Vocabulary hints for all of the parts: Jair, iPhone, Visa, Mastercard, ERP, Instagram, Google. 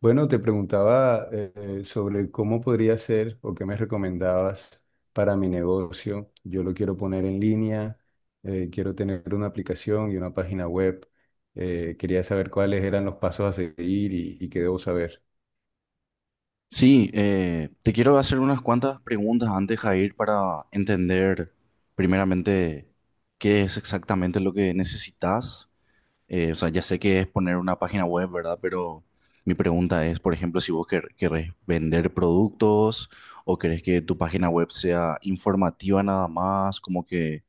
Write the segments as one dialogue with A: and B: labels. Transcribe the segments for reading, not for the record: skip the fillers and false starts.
A: Bueno, te preguntaba sobre cómo podría ser o qué me recomendabas para mi negocio. Yo lo quiero poner en línea, quiero tener una aplicación.
B: Sí, te quiero hacer unas cuantas preguntas antes, Jair, para entender primeramente qué es exactamente lo que necesitas. O sea, ya sé que es poner una página web, ¿verdad? Pero mi pregunta es, por ejemplo, si vos querés vender productos o querés que tu página web sea informativa nada más,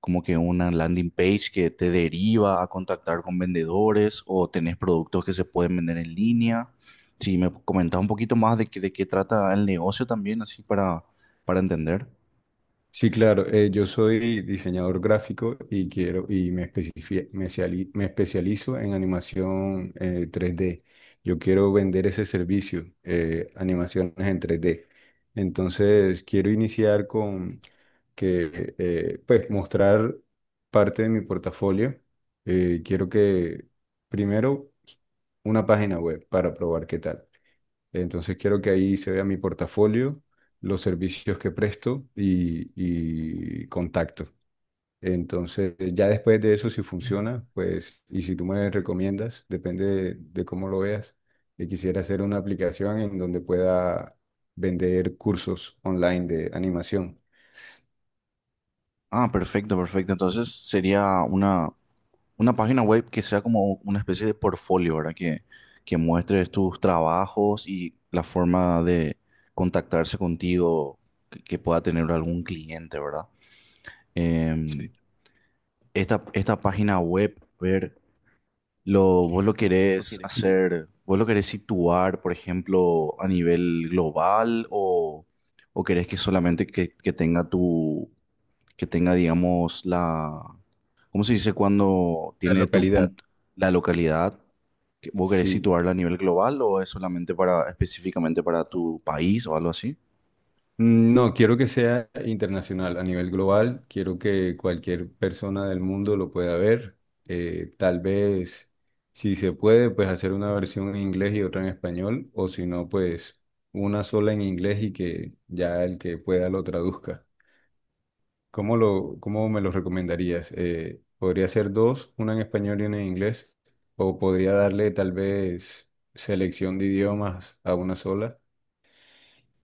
B: como que una landing page que te deriva a contactar con vendedores o tenés productos que se pueden vender en línea. Si me comentás un poquito más de qué trata el negocio también, para entender.
A: Sí, claro. Yo soy diseñador gráfico y quiero y me, especifi- me, ciali- me especializo en animación 3D. Yo quiero vender ese servicio, animaciones en 3D. Entonces, quiero iniciar con que, pues, mostrar parte de mi portafolio. Quiero que primero una página web para probar qué tal. Entonces quiero que ahí se vea mi portafolio, los servicios que presto y contacto. Entonces, ya después de eso, si funciona, pues, y si tú me recomiendas, depende de cómo lo veas, que quisiera hacer una aplicación en donde pueda vender cursos online de animación.
B: Ah, perfecto, perfecto. Entonces sería una página web que sea como una especie de portfolio, ¿verdad? Que muestres tus trabajos y la forma de contactarse contigo que pueda tener algún cliente, ¿verdad?
A: Sí.
B: Em, esta esta página web, ver, vos lo querés hacer, vos lo querés situar, por ejemplo, a nivel global, o querés que solamente que tenga que tenga, digamos, ¿cómo se dice cuando
A: La
B: tiene tu
A: localidad.
B: punto, la localidad? ¿Que ¿Vos querés
A: Sí.
B: situarla a nivel global o es solamente para, específicamente para tu país o algo así?
A: No, quiero que sea internacional, a nivel global. Quiero que cualquier persona del mundo lo pueda ver. Tal vez, si se puede, pues hacer una versión en inglés y otra en español, o si no, pues una sola en inglés y que ya el que pueda lo traduzca. ¿Cómo me lo recomendarías? ¿Podría ser dos, una en español y una en inglés? ¿O podría darle tal vez selección de idiomas a una sola?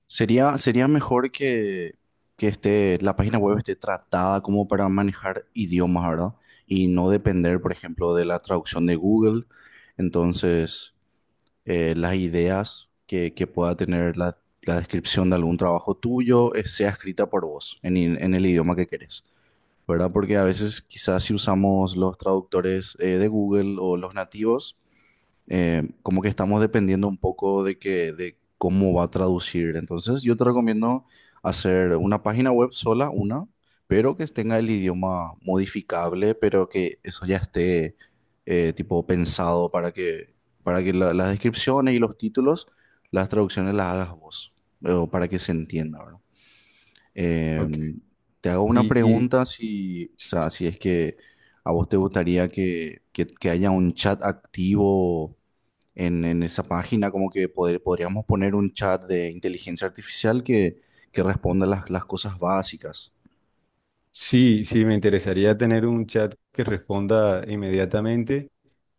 B: Sería mejor que esté, la página web esté tratada como para manejar idiomas, ¿verdad? Y no depender, por ejemplo, de la traducción de Google. Entonces, las ideas que pueda tener la descripción de algún trabajo tuyo sea escrita por vos en el idioma que querés, ¿verdad? Porque a veces quizás si usamos los traductores de Google o los nativos, como que estamos dependiendo un poco de cómo va a traducir. Entonces, yo te recomiendo hacer una página web sola, una, pero que tenga el idioma modificable, pero que eso ya esté tipo pensado para que las descripciones y los títulos, las traducciones las hagas vos, o para que se entienda, ¿verdad?
A: Ok.
B: Em, te hago una
A: Y, y
B: pregunta si, o sea, si es que a vos te gustaría que haya un chat activo en esa página, como que podríamos poner un chat de inteligencia artificial que responda las cosas básicas.
A: Sí, sí, me interesaría tener un chat que responda inmediatamente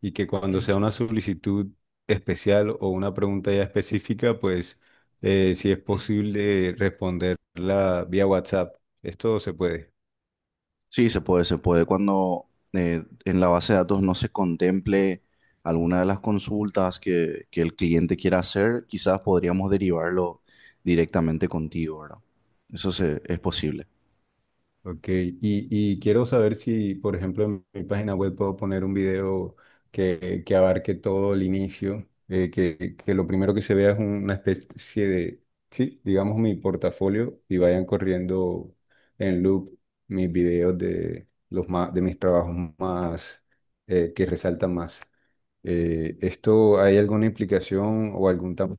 A: y que cuando sea una solicitud especial o una pregunta ya específica, pues si es posible responderla vía WhatsApp. Esto se puede.
B: Sí, se puede, se puede. Cuando en la base de datos no se contemple alguna de las consultas que el cliente quiera hacer, quizás podríamos derivarlo directamente contigo, ¿verdad? Es posible.
A: Ok, y quiero saber si, por ejemplo, en mi página web puedo poner un video que abarque todo el inicio, que lo primero que se vea es una especie de, sí, digamos mi portafolio y vayan corriendo en loop mis videos de mis trabajos más, que resaltan más. ¿Esto hay alguna implicación o algún tamaño?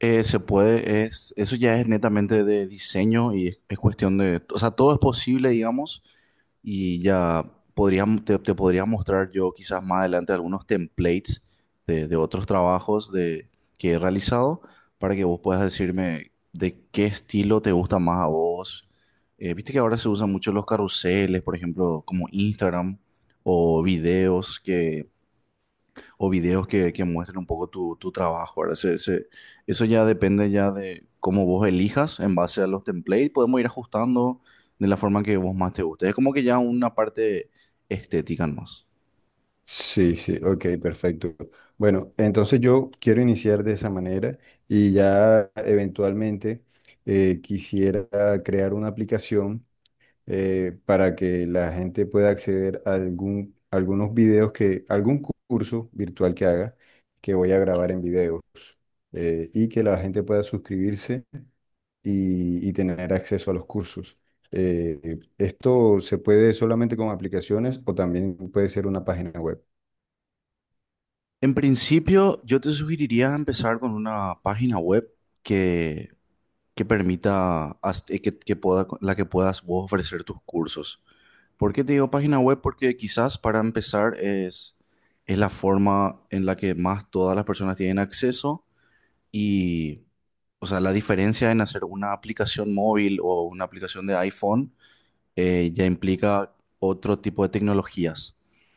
B: Se puede, es, eso ya es netamente de diseño y es cuestión de, o sea, todo es posible, digamos, y ya te podría mostrar yo quizás más adelante algunos templates de otros trabajos que he realizado para que vos puedas decirme de qué estilo te gusta más a vos. Viste que ahora se usan mucho los carruseles, por ejemplo, como Instagram o videos que o videos que muestren un poco tu trabajo, ¿verdad? Eso ya depende ya de cómo vos elijas en base a los templates. Podemos ir ajustando de la forma que vos más te guste. Es como que ya una parte estética más.
A: Sí, sí, ok, perfecto. Bueno, entonces yo quiero iniciar de esa manera y ya eventualmente quisiera crear una aplicación para que la gente pueda acceder a algún curso virtual que haga, que voy a grabar en videos y que la gente pueda suscribirse y tener acceso a los cursos. Esto se puede solamente con aplicaciones o también puede ser una página web.
B: En principio, yo te sugeriría empezar con una página web que, que permita, la que puedas vos ofrecer tus cursos. ¿Por qué te digo página web? Porque quizás para empezar es la forma en la que más todas las personas tienen acceso. Y, o sea, la diferencia en hacer una aplicación móvil o una aplicación de iPhone ya implica otro tipo de tecnologías.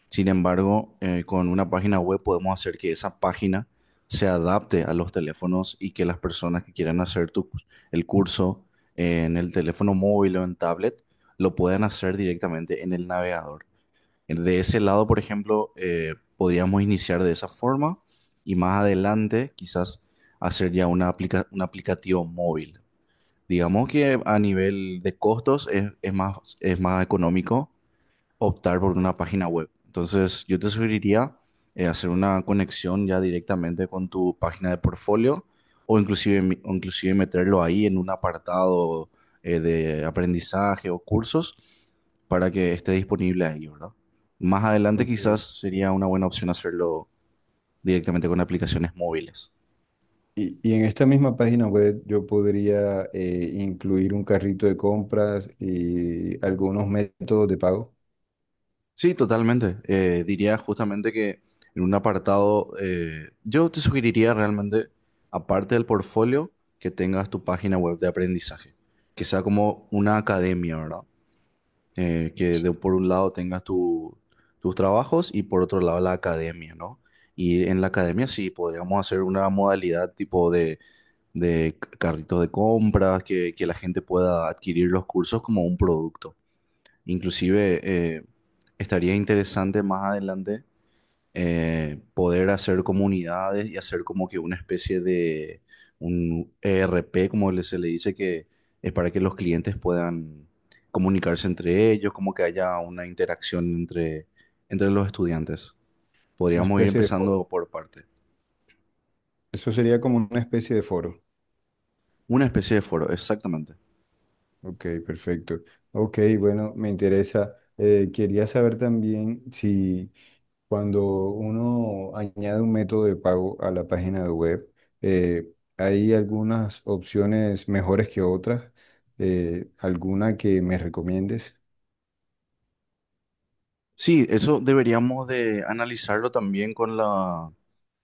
B: Sin embargo, con una página web podemos hacer que esa página se adapte a los teléfonos y que las personas que quieran hacer el curso en el teléfono móvil o en tablet lo puedan hacer directamente en el navegador. De ese lado, por ejemplo, podríamos iniciar de esa forma y más adelante quizás hacer ya una un aplicativo móvil. Digamos que a nivel de costos es más económico optar por una página web. Entonces, yo te sugeriría hacer una conexión ya directamente con tu página de portfolio o o inclusive meterlo ahí en un apartado de aprendizaje o cursos para que esté disponible ahí, ¿verdad? Más adelante quizás
A: Ok.
B: sería una buena opción hacerlo directamente con aplicaciones móviles.
A: Y en esta misma página web yo podría incluir un carrito de compras y algunos métodos de pago,
B: Sí, totalmente. Diría justamente que en un apartado, yo te sugeriría realmente, aparte del portfolio, que tengas tu página web de aprendizaje, que sea como una academia, ¿verdad? Por un lado tengas tus trabajos y por otro lado la academia, ¿no? Y en la academia sí, podríamos hacer una modalidad tipo de carritos de compras, que la gente pueda adquirir los cursos como un producto. Inclusive estaría interesante más adelante poder hacer comunidades y hacer como que una especie de un ERP, como se le dice, que es para que los clientes puedan comunicarse entre ellos, como que haya una interacción entre, entre los estudiantes.
A: una
B: Podríamos ir
A: especie de foro.
B: empezando por parte.
A: Eso sería como una especie de foro.
B: Una especie de foro, exactamente.
A: Ok, perfecto. Ok, bueno, me interesa. Quería saber también si cuando uno añade un método de pago a la página de web, eh, hay algunas opciones mejores que otras. ¿Alguna que me recomiendes?
B: Sí, eso deberíamos de analizarlo también con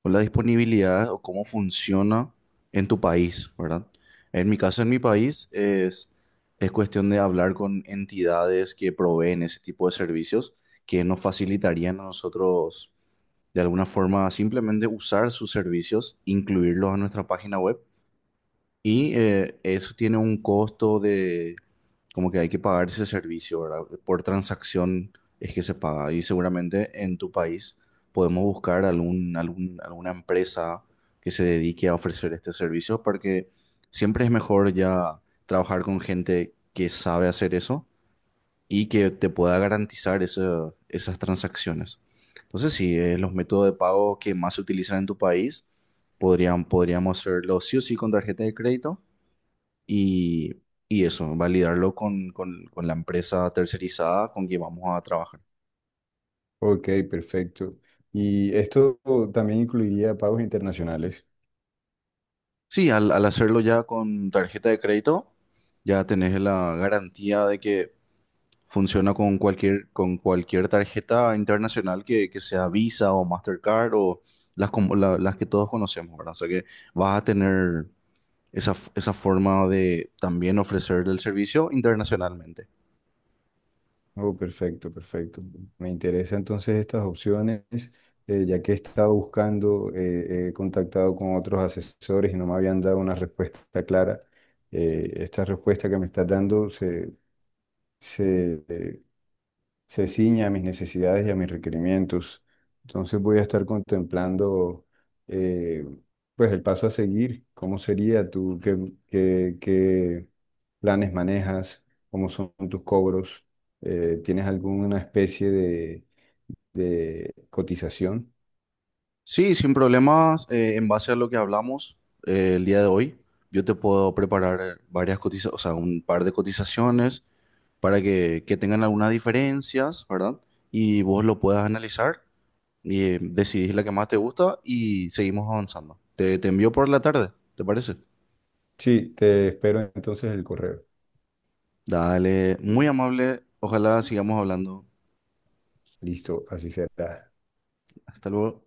B: con la disponibilidad o cómo funciona en tu país, ¿verdad? En mi caso, en mi país, es cuestión de hablar con entidades que proveen ese tipo de servicios que nos facilitarían a nosotros, de alguna forma, simplemente usar sus servicios, incluirlos en nuestra página web y eso tiene un costo de, como que hay que pagar ese servicio, ¿verdad? Por transacción es que se paga. Y seguramente en tu país podemos buscar alguna empresa que se dedique a ofrecer este servicio, porque siempre es mejor ya trabajar con gente que sabe hacer eso y que te pueda garantizar esas transacciones. Entonces, sí, los métodos de pago que más se utilizan en tu país podríamos hacerlo sí o sí con tarjeta de crédito y, y eso, validarlo con la empresa tercerizada con que vamos a trabajar.
A: Ok, perfecto. Y esto también incluiría pagos internacionales.
B: Sí, al hacerlo ya con tarjeta de crédito, ya tenés la garantía de que funciona con con cualquier tarjeta internacional que sea Visa o Mastercard o las que todos conocemos, ¿verdad? O sea que vas a tener esa forma de también ofrecer el servicio internacionalmente.
A: Oh, perfecto, perfecto. Me interesan entonces estas opciones, ya que he estado buscando, he contactado con otros asesores y no me habían dado una respuesta clara. Esta respuesta que me estás dando se, eh, se ciña a mis necesidades y a mis requerimientos. Entonces voy a estar contemplando eh, pues el paso a seguir, cómo sería tú, qué planes manejas, cómo son tus cobros, ¿tienes alguna especie de cotización?
B: Sí, sin problemas, en base a lo que hablamos el día de hoy, yo te puedo preparar varias cotizaciones, o sea, un par de cotizaciones para que tengan algunas diferencias, ¿verdad? Y vos lo puedas analizar y decidís la que más te gusta y seguimos avanzando. Te envío por la tarde, ¿te parece?
A: Sí, te espero entonces el correo.
B: Dale, muy amable, ojalá sigamos hablando.
A: Listo, así será.
B: Hasta luego.